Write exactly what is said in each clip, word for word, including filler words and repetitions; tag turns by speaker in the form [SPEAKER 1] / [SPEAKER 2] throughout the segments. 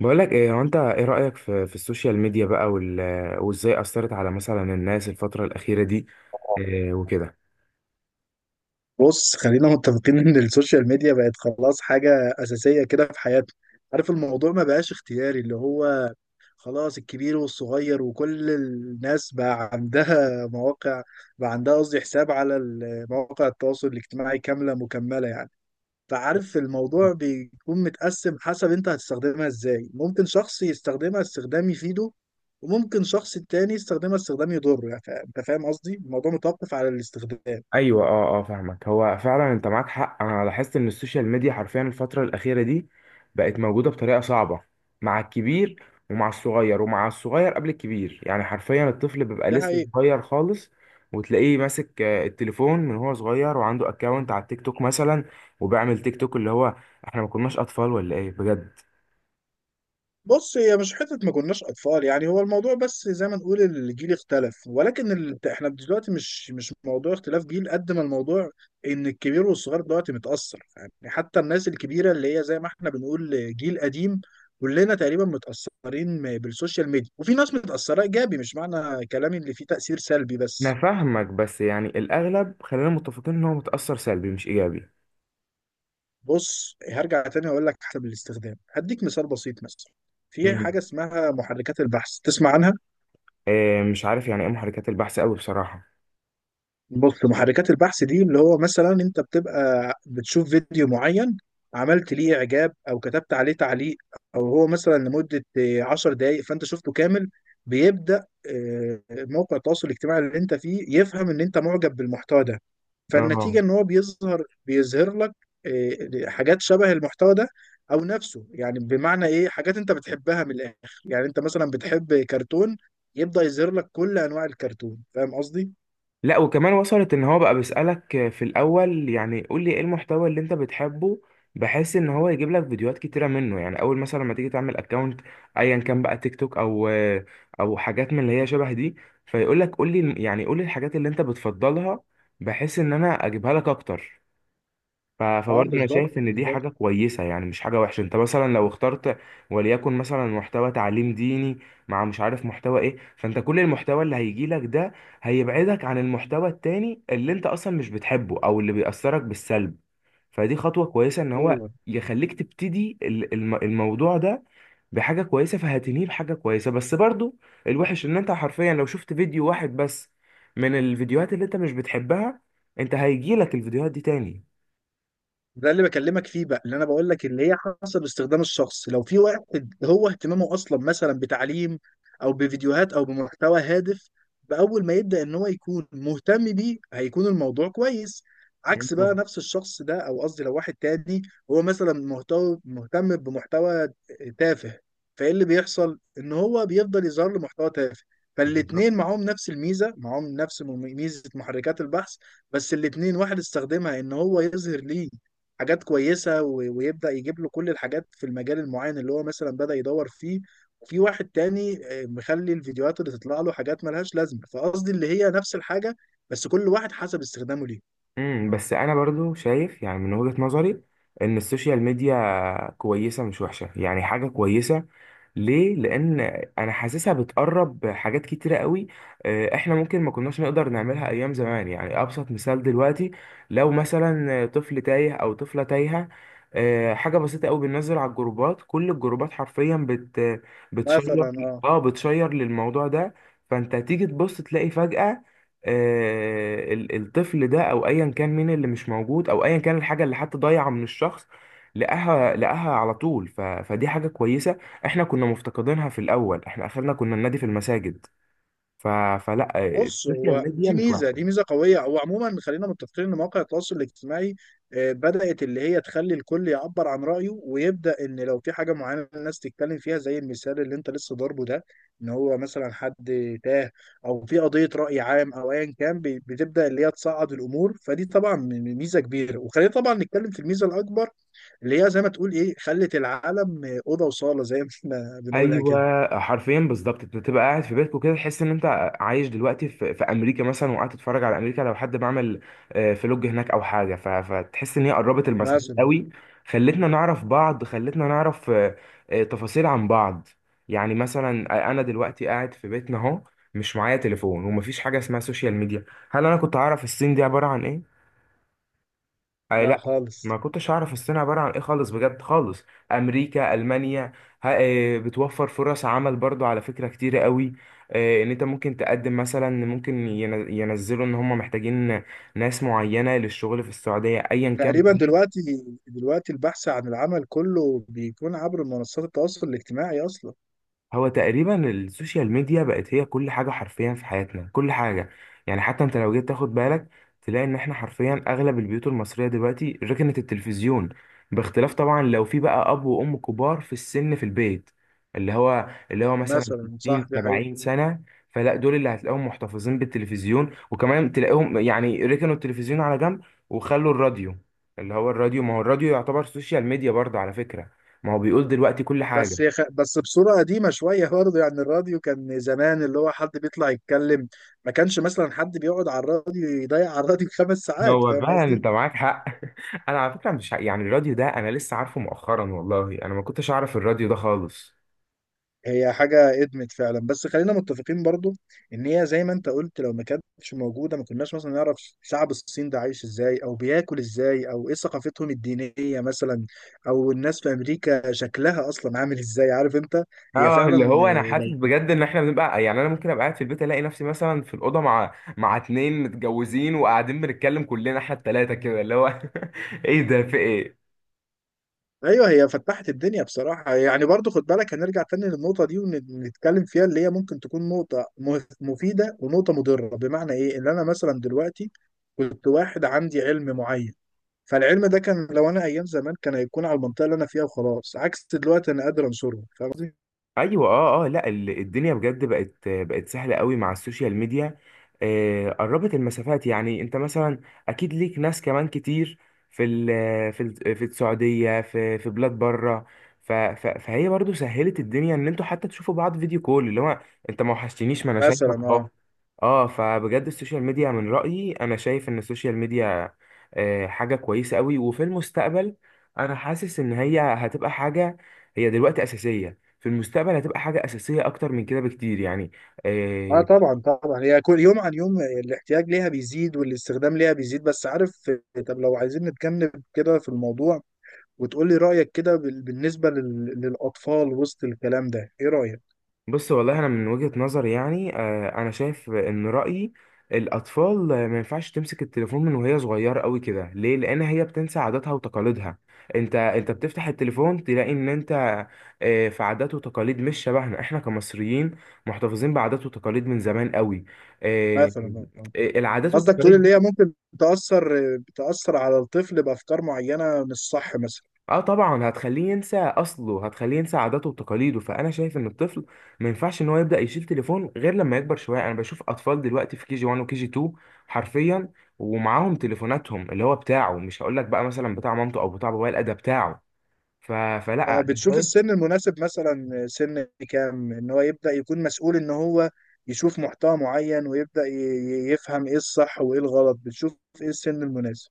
[SPEAKER 1] بقول لك ايه؟ هو انت ايه رأيك في في السوشيال ميديا بقى وال... وازاي أثرت على مثلا الناس الفترة الأخيرة دي، إيه وكده؟
[SPEAKER 2] بص، خلينا متفقين ان السوشيال ميديا بقت خلاص حاجة أساسية كده في حياتنا. عارف الموضوع ما بقاش اختياري، اللي هو خلاص الكبير والصغير وكل الناس بقى عندها مواقع، بقى عندها قصدي حساب على ال- مواقع التواصل الاجتماعي كاملة مكملة يعني. فعارف الموضوع بيكون متقسم حسب انت هتستخدمها ازاي، ممكن شخص يستخدمها استخدام يفيده وممكن شخص تاني يستخدمها استخدام يضره يعني. فا- انت فاهم قصدي، الموضوع متوقف على الاستخدام.
[SPEAKER 1] ايوه، اه اه فاهمك. هو فعلا انت معاك حق. انا لاحظت ان السوشيال ميديا حرفيا الفترة الأخيرة دي بقت موجودة بطريقة صعبة مع الكبير ومع الصغير، ومع الصغير قبل الكبير. يعني حرفيا الطفل بيبقى
[SPEAKER 2] دي
[SPEAKER 1] لسه
[SPEAKER 2] حقيقة.
[SPEAKER 1] صغير خالص وتلاقيه ماسك آه، التليفون من هو صغير، وعنده اكونت على التيك توك مثلا وبيعمل تيك توك. اللي هو احنا ما كناش اطفال ولا ايه بجد؟
[SPEAKER 2] بص، هي مش حتة ما كناش أطفال يعني، هو الموضوع بس زي ما نقول الجيل اختلف، ولكن ال... احنا دلوقتي مش مش موضوع اختلاف جيل قد ما الموضوع إن الكبير والصغير دلوقتي متأثر. يعني حتى الناس الكبيرة اللي هي زي ما احنا بنقول جيل قديم، كلنا تقريبا متأثرين م- بالسوشيال ميديا، وفي ناس متأثرة إيجابي، مش معنى كلامي اللي فيه تأثير سلبي
[SPEAKER 1] انا
[SPEAKER 2] بس.
[SPEAKER 1] فاهمك، بس يعني الاغلب خلينا متفقين ان هو متاثر سلبي مش ايجابي.
[SPEAKER 2] بص، هرجع تاني أقول لك، حسب الاستخدام هديك مثال بسيط مثلا. في
[SPEAKER 1] مم.
[SPEAKER 2] حاجة اسمها محركات البحث، تسمع عنها؟
[SPEAKER 1] إيه، مش عارف يعني ايه محركات البحث قوي بصراحه.
[SPEAKER 2] بص، محركات البحث دي اللي هو مثلا انت بتبقى بتشوف فيديو معين، عملت ليه اعجاب او كتبت عليه تعليق، او هو مثلا لمدة آه، 10 دقائق فانت شفته كامل. بيبدأ آه، موقع التواصل الاجتماعي اللي انت فيه يفهم ان انت معجب بالمحتوى ده.
[SPEAKER 1] اه،
[SPEAKER 2] فالنتيجة ان هو بيظهر بيظهر لك آه، حاجات شبه المحتوى ده، او نفسه يعني، بمعنى ايه، حاجات انت بتحبها من الاخر. يعني انت مثلا بتحب كرتون، يبدأ يظهر لك كل انواع الكرتون، فاهم قصدي؟
[SPEAKER 1] لا وكمان وصلت ان هو بقى بيسالك في الاول يعني قول لي ايه المحتوى اللي انت بتحبه، بحيث ان هو يجيب لك فيديوهات كتيره منه. يعني اول مثلا لما تيجي تعمل اكونت، ايا كان بقى تيك توك او او حاجات من اللي هي شبه دي، فيقول لك قول لي يعني قول لي الحاجات اللي انت بتفضلها بحيث ان انا اجيبها لك اكتر. ف-
[SPEAKER 2] اه،
[SPEAKER 1] فبرضه انا
[SPEAKER 2] بالظبط
[SPEAKER 1] شايف ان دي
[SPEAKER 2] بالظبط.
[SPEAKER 1] حاجه كويسه، يعني مش حاجه وحشه. انت مثلا لو اخترت وليكن مثلا محتوى تعليم ديني، مع مش عارف محتوى ايه، فانت كل المحتوى اللي هيجي لك ده هيبعدك عن المحتوى التاني اللي انت اصلا مش بتحبه او اللي بيأثرك بالسلب. فدي خطوه كويسه ان هو
[SPEAKER 2] ايوه،
[SPEAKER 1] يخليك تبتدي ال- الم- الموضوع ده بحاجه كويسه، فهتنهيه بحاجه كويسه. بس برضه الوحش ان انت حرفيا لو شفت فيديو واحد بس من الفيديوهات اللي انت مش بتحبها، انت هيجيلك الفيديوهات دي تاني.
[SPEAKER 2] ده اللي بكلمك فيه بقى، اللي انا بقول لك اللي هي حسب استخدام الشخص، لو في واحد هو اهتمامه اصلا مثلا بتعليم او بفيديوهات او بمحتوى هادف، باول ما يبدا ان هو يكون مهتم بيه هيكون الموضوع كويس. عكس بقى نفس الشخص ده، او قصدي لو واحد تاني هو مثلا مهتم مهتم بمحتوى تافه، فايه اللي بيحصل ان هو بيفضل يظهر له محتوى تافه.
[SPEAKER 1] بالظبط.
[SPEAKER 2] فالاتنين معاهم نفس الميزه، معاهم نفس ميزه محركات البحث. بس الاتنين، واحد استخدمها ان هو يظهر ليه حاجات كويسة و- ويبدأ يجيب له كل الحاجات في المجال المعين اللي هو مثلا بدأ يدور فيه. وفي واحد تاني آه، مخلي الفيديوهات اللي تطلع له حاجات ملهاش لازمة، فقصدي اللي هي نفس الحاجة، بس كل واحد حسب استخدامه ليه.
[SPEAKER 1] امم بس انا برضو شايف، يعني من وجهة نظري، ان السوشيال ميديا كويسة مش وحشة، يعني حاجة كويسة. ليه؟ لان انا حاسسها بتقرب حاجات كتيره قوي. آه، احنا ممكن ما كناش نقدر نعملها ايام زمان. يعني ابسط مثال دلوقتي، لو مثلا طفل تايه او طفله تايهه، آه، حاجه بسيطه قوي، بننزل على الجروبات، كل الجروبات حرفيا بت بتشير.
[SPEAKER 2] مثلا، آه.
[SPEAKER 1] اه، بتشير للموضوع ده. فانت تيجي تبص تلاقي فجاه آه، ال- الطفل ده او ايا كان مين اللي مش موجود، او ايا كان الحاجه اللي حتى ضايعه من الشخص، لقاها. لقاها على طول. ف... فدي حاجه كويسه. احنا كنا مفتقدينها في الاول، احنا اخرنا كنا النادي في المساجد. ف... فلا،
[SPEAKER 2] بص،
[SPEAKER 1] السوشيال
[SPEAKER 2] هو
[SPEAKER 1] ميديا
[SPEAKER 2] دي
[SPEAKER 1] مش
[SPEAKER 2] ميزه دي
[SPEAKER 1] وحشه.
[SPEAKER 2] ميزه قويه. هو عموما خلينا متفقين ان مواقع التواصل الاجتماعي آه، بدات اللي هي تخلي الكل يعبر عن رايه، ويبدا ان لو في حاجه معينه الناس تتكلم فيها، زي المثال اللي انت لسه ضاربه ده، ان هو مثلا حد تاه، او في قضيه راي عام، او ايا كان بي- بتبدا اللي هي تصعد الامور. فدي طبعا م- ميزه كبيره. وخلينا طبعا نتكلم في الميزه الاكبر، اللي هي زي ما تقول ايه، خلت العالم آه، اوضه وصاله زي ما احنا بنقولها كده.
[SPEAKER 1] ايوه، حرفيا بالظبط. انت تبقى قاعد في بيتك وكده تحس ان انت عايش دلوقتي في, في امريكا مثلا، وقاعد تتفرج على امريكا لو حد بعمل آه، فلوج هناك او حاجه. ف... فتحس ان هي قربت المسافات
[SPEAKER 2] مثلا.
[SPEAKER 1] قوي. خلتنا نعرف بعض، خلتنا نعرف آه، آه، تفاصيل عن بعض. يعني مثلا انا دلوقتي قاعد في بيتنا اهو، مش معايا تليفون ومفيش حاجه اسمها سوشيال ميديا، هل انا كنت اعرف الصين دي عباره عن ايه؟ أي
[SPEAKER 2] لا
[SPEAKER 1] لا. ما
[SPEAKER 2] خالص.
[SPEAKER 1] كنتش اعرف الصين عباره عن ايه خالص، بجد خالص. امريكا، المانيا. ها إيه، بتوفر فرص عمل برضو على فكره كتيره قوي. إيه، ان انت ممكن تقدم مثلا، ممكن ين- ينزلوا ان هم محتاجين ناس معينه للشغل في السعوديه ايا كان.
[SPEAKER 2] تقريبا دلوقتي دلوقتي البحث عن العمل كله بيكون عبر منصات التواصل الاجتماعي اصلا.
[SPEAKER 1] هو تقريبا السوشيال ميديا بقت هي كل حاجة حرفيا في حياتنا، كل حاجة. يعني حتى انت لو جيت تاخد بالك تلاقي ان احنا حرفيا اغلب البيوت المصرية دلوقتي ركنت التلفزيون، باختلاف طبعا لو في بقى اب وام كبار في السن في البيت، اللي هو اللي هو مثلا
[SPEAKER 2] مثلا صح،
[SPEAKER 1] ستين
[SPEAKER 2] دي حقيقة.
[SPEAKER 1] سبعين سنة. فلا، دول اللي هتلاقيهم محتفظين بالتلفزيون، وكمان تلاقيهم يعني ركنوا التلفزيون على جنب وخلوا الراديو. اللي هو الراديو، ما هو الراديو يعتبر سوشيال ميديا برضه على فكرة. ما هو بيقول دلوقتي كل حاجة.
[SPEAKER 2] بس يا خ... بس بصورة قديمة شوية برضه يعني، الراديو كان زمان اللي هو حد بيطلع يتكلم، ما كانش مثلا حد بيقعد على الراديو يضيع على الراديو خمس ساعات.
[SPEAKER 1] هو
[SPEAKER 2] فاهم
[SPEAKER 1] فعلا
[SPEAKER 2] قصدي؟
[SPEAKER 1] انت معاك حق. انا على فكره مش ع- يعني الراديو ده انا لسه عارفه مؤخرا، والله انا ما كنتش اعرف الراديو ده خالص.
[SPEAKER 2] هي حاجة ادمت فعلا، بس خلينا متفقين برضو ان هي زي ما انت قلت، لو ما كانتش موجودة ما كناش مثلا نعرف شعب الصين ده عايش ازاي او بياكل ازاي او ايه ثقافتهم الدينية مثلا، او الناس في امريكا شكلها اصلا عامل ازاي. عارف انت؟ هي
[SPEAKER 1] اه، اللي
[SPEAKER 2] فعلا.
[SPEAKER 1] هو انا
[SPEAKER 2] آه،
[SPEAKER 1] حاسس
[SPEAKER 2] لو.
[SPEAKER 1] بجد ان احنا بنبقى، يعني انا ممكن ابقى قاعد في البيت الاقي نفسي مثلا في الاوضه مع مع اتنين متجوزين وقاعدين بنتكلم كلنا، احنا التلاته كده اللي هو. ايه ده، في ايه؟
[SPEAKER 2] ايوه، هي فتحت الدنيا بصراحة يعني. برضو خد بالك، هنرجع تاني للنقطة دي ونتكلم فيها، اللي هي ممكن تكون نقطة م- مفيدة ونقطة مضرة. بمعنى ايه، ان انا مثلا دلوقتي كنت واحد عندي علم معين، فالعلم ده كان لو انا ايام زمان كان هيكون على المنطقه اللي انا فيها وخلاص، عكس دلوقتي انا قادر انشره. فاهم قصدي؟
[SPEAKER 1] ايوه، اه اه لا، ال- الدنيا بجد بقت بقت سهله قوي مع السوشيال ميديا. آه قربت المسافات، يعني انت مثلا اكيد ليك ناس كمان كتير في ال في ال في السعوديه، في في بلاد بره. ف- ف- فهي برضو سهلت الدنيا ان انتوا حتى تشوفوا بعض فيديو كول، اللي هو انت ما وحشتنيش ما انا
[SPEAKER 2] مثلا،
[SPEAKER 1] شايفك اهو.
[SPEAKER 2] اه.
[SPEAKER 1] اه، فبجد السوشيال ميديا من رايي انا شايف ان السوشيال ميديا آه حاجه كويسه قوي. وفي المستقبل انا حاسس ان هي هتبقى حاجه، هي دلوقتي اساسيه، في المستقبل هتبقى حاجة أساسية أكتر من كده بكتير يعني.
[SPEAKER 2] اه
[SPEAKER 1] آه،
[SPEAKER 2] طبعا طبعا، هي كل يوم عن يوم الاحتياج ليها بيزيد والاستخدام ليها بيزيد. بس عارف، طب لو عايزين نتجنب كده في الموضوع، وتقول لي رايك كده بال- بالنسبه لل... للاطفال وسط الكلام ده، ايه رايك؟
[SPEAKER 1] بص، والله أنا من وجهة نظري يعني آه، أنا شايف إن رأيي الأطفال آه، ما ينفعش تمسك التليفون من وهي صغيرة قوي كده. ليه؟ لأن هي بتنسى عاداتها وتقاليدها. أنت أنت بتفتح التليفون تلاقي إن أنت آه، في عادات وتقاليد مش شبهنا. إحنا كمصريين محتفظين بعادات وتقاليد من زمان قوي. آه،
[SPEAKER 2] مثلا، آه.
[SPEAKER 1] آه، العادات
[SPEAKER 2] قصدك تقول اللي
[SPEAKER 1] والتقاليد.
[SPEAKER 2] هي ممكن تاثر تاثر على الطفل بافكار معينه، مش صح مثلا؟
[SPEAKER 1] اه طبعا، هتخليه ينسى اصله، هتخليه ينسى عاداته وتقاليده. فانا شايف ان الطفل ما ينفعش ان هو يبدا يشيل تليفون غير لما يكبر شويه. انا بشوف اطفال دلوقتي في كي جي واحد وكي جي اتنين حرفيا، ومعاهم تليفوناتهم اللي هو بتاعه. مش هقول لك بقى مثلا بتاع مامته او بتاع بابايا، لا ده بتاعه. ف...
[SPEAKER 2] آه،
[SPEAKER 1] فلا،
[SPEAKER 2] بتشوف السن المناسب؟ مثلا سن كام ان هو يبدأ يكون مسؤول ان هو يشوف محتوى معين، ويبدأ ي- ي- يفهم ايه الصح وايه الغلط؟ بتشوف ايه السن المناسب؟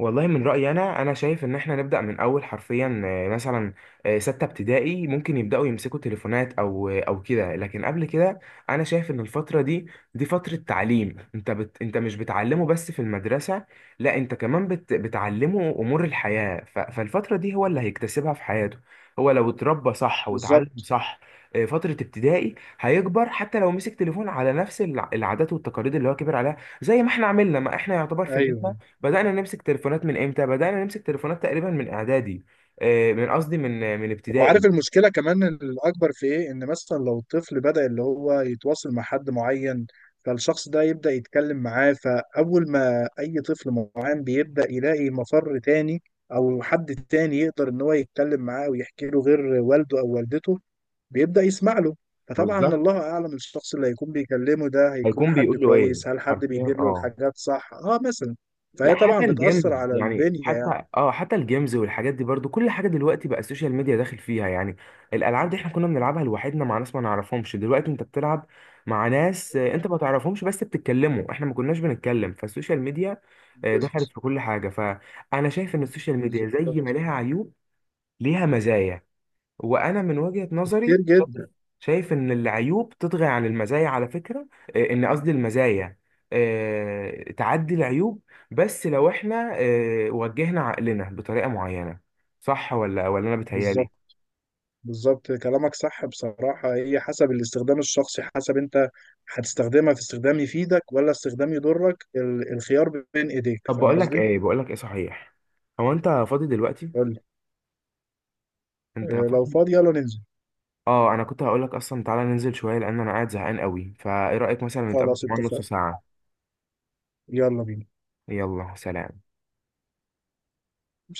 [SPEAKER 1] والله من رأيي أنا، أنا شايف إن إحنا نبدأ من أول حرفيا آه، مثلا آه، ستة ابتدائي ممكن يبدأوا يمسكوا تليفونات أو أو كده. لكن قبل كده أنا شايف إن الفترة دي دي فترة تعليم. أنت بت أنت مش بتعلمه بس في المدرسة، لا أنت كمان بت بتعلمه أمور الحياة. ف... فالفترة دي هو اللي هيكتسبها في حياته. هو لو اتربى صح واتعلم
[SPEAKER 2] بالظبط.
[SPEAKER 1] صح آه، فترة ابتدائي، هيكبر حتى لو مسك تليفون على نفس الع- العادات والتقاليد اللي هو كبر عليها زي ما احنا عملنا، ما احنا يعتبر في
[SPEAKER 2] ايوه،
[SPEAKER 1] جيلنا. بدأنا نمسك تليفونات من امتى؟ بدأنا نمسك تليفونات تقريبا من اعدادي، آه، من قصدي من من
[SPEAKER 2] وعارف
[SPEAKER 1] ابتدائي.
[SPEAKER 2] المشكلة كمان الاكبر في ايه؟ ان مثلا لو الطفل بدأ اللي هو يتواصل مع حد معين، فالشخص ده يبدأ يتكلم معاه، فاول ما اي طفل معين بيبدأ يلاقي مفر تاني او حد تاني يقدر ان هو يتكلم معاه ويحكي له غير والده او والدته، بيبدأ يسمع له. فطبعا
[SPEAKER 1] بالظبط.
[SPEAKER 2] الله اعلم، الشخص اللي هيكون بيكلمه ده هيكون
[SPEAKER 1] هيكون
[SPEAKER 2] حد
[SPEAKER 1] بيقول له ايه؟
[SPEAKER 2] كويس؟ هل حد
[SPEAKER 1] حرفيا،
[SPEAKER 2] بيدله
[SPEAKER 1] اه.
[SPEAKER 2] الحاجات صح؟ اه مثلا.
[SPEAKER 1] لا
[SPEAKER 2] فهي
[SPEAKER 1] حتى
[SPEAKER 2] طبعا
[SPEAKER 1] الجيمز.
[SPEAKER 2] بتأثر على
[SPEAKER 1] يعني
[SPEAKER 2] البنية يعني.
[SPEAKER 1] حتى اه حتى الجيمز والحاجات دي برضو، كل حاجة دلوقتي بقى السوشيال ميديا داخل فيها يعني. الألعاب دي احنا كنا بنلعبها لوحدنا مع ناس ما نعرفهمش. دلوقتي انت بتلعب مع ناس آه، انت ما تعرفهمش بس بتتكلموا، احنا ما كناش بنتكلم. فالسوشيال ميديا آه،
[SPEAKER 2] بز-
[SPEAKER 1] دخلت في كل حاجة. فأنا شايف ان السوشيال ميديا زي ما
[SPEAKER 2] بالظبط.
[SPEAKER 1] لها عيوب ليها مزايا. وانا من وجهة
[SPEAKER 2] كتير
[SPEAKER 1] نظري
[SPEAKER 2] جدا.
[SPEAKER 1] شايف ان العيوب تطغى عن المزايا على فكرة، آه، ان قصدي المزايا آه، تعدي العيوب، بس لو احنا آه، وجهنا عقلنا بطريقة معينة. صح ولا ولا انا بتهيالي؟
[SPEAKER 2] بالظبط بالظبط، كلامك صح بصراحة. هي حسب الاستخدام الشخصي، حسب انت هتستخدمها في استخدام يفيدك ولا استخدام يضرك، ال- الخيار بين ايديك،
[SPEAKER 1] طب،
[SPEAKER 2] فاهم
[SPEAKER 1] بقول لك
[SPEAKER 2] قصدي؟
[SPEAKER 1] ايه بقول لك ايه صحيح، هو انت فاضي دلوقتي؟
[SPEAKER 2] قول لي.
[SPEAKER 1] انت
[SPEAKER 2] آه، لو
[SPEAKER 1] فاضي؟
[SPEAKER 2] فاضي يلا ننزل.
[SPEAKER 1] اه، انا كنت هقول لك اصلا تعالى ننزل شوية لان انا قاعد زهقان قوي. فايه رأيك مثلا نتقابل
[SPEAKER 2] خلاص
[SPEAKER 1] كمان نص
[SPEAKER 2] اتفقنا.
[SPEAKER 1] ساعة؟
[SPEAKER 2] يلا بينا.
[SPEAKER 1] يلا سلام.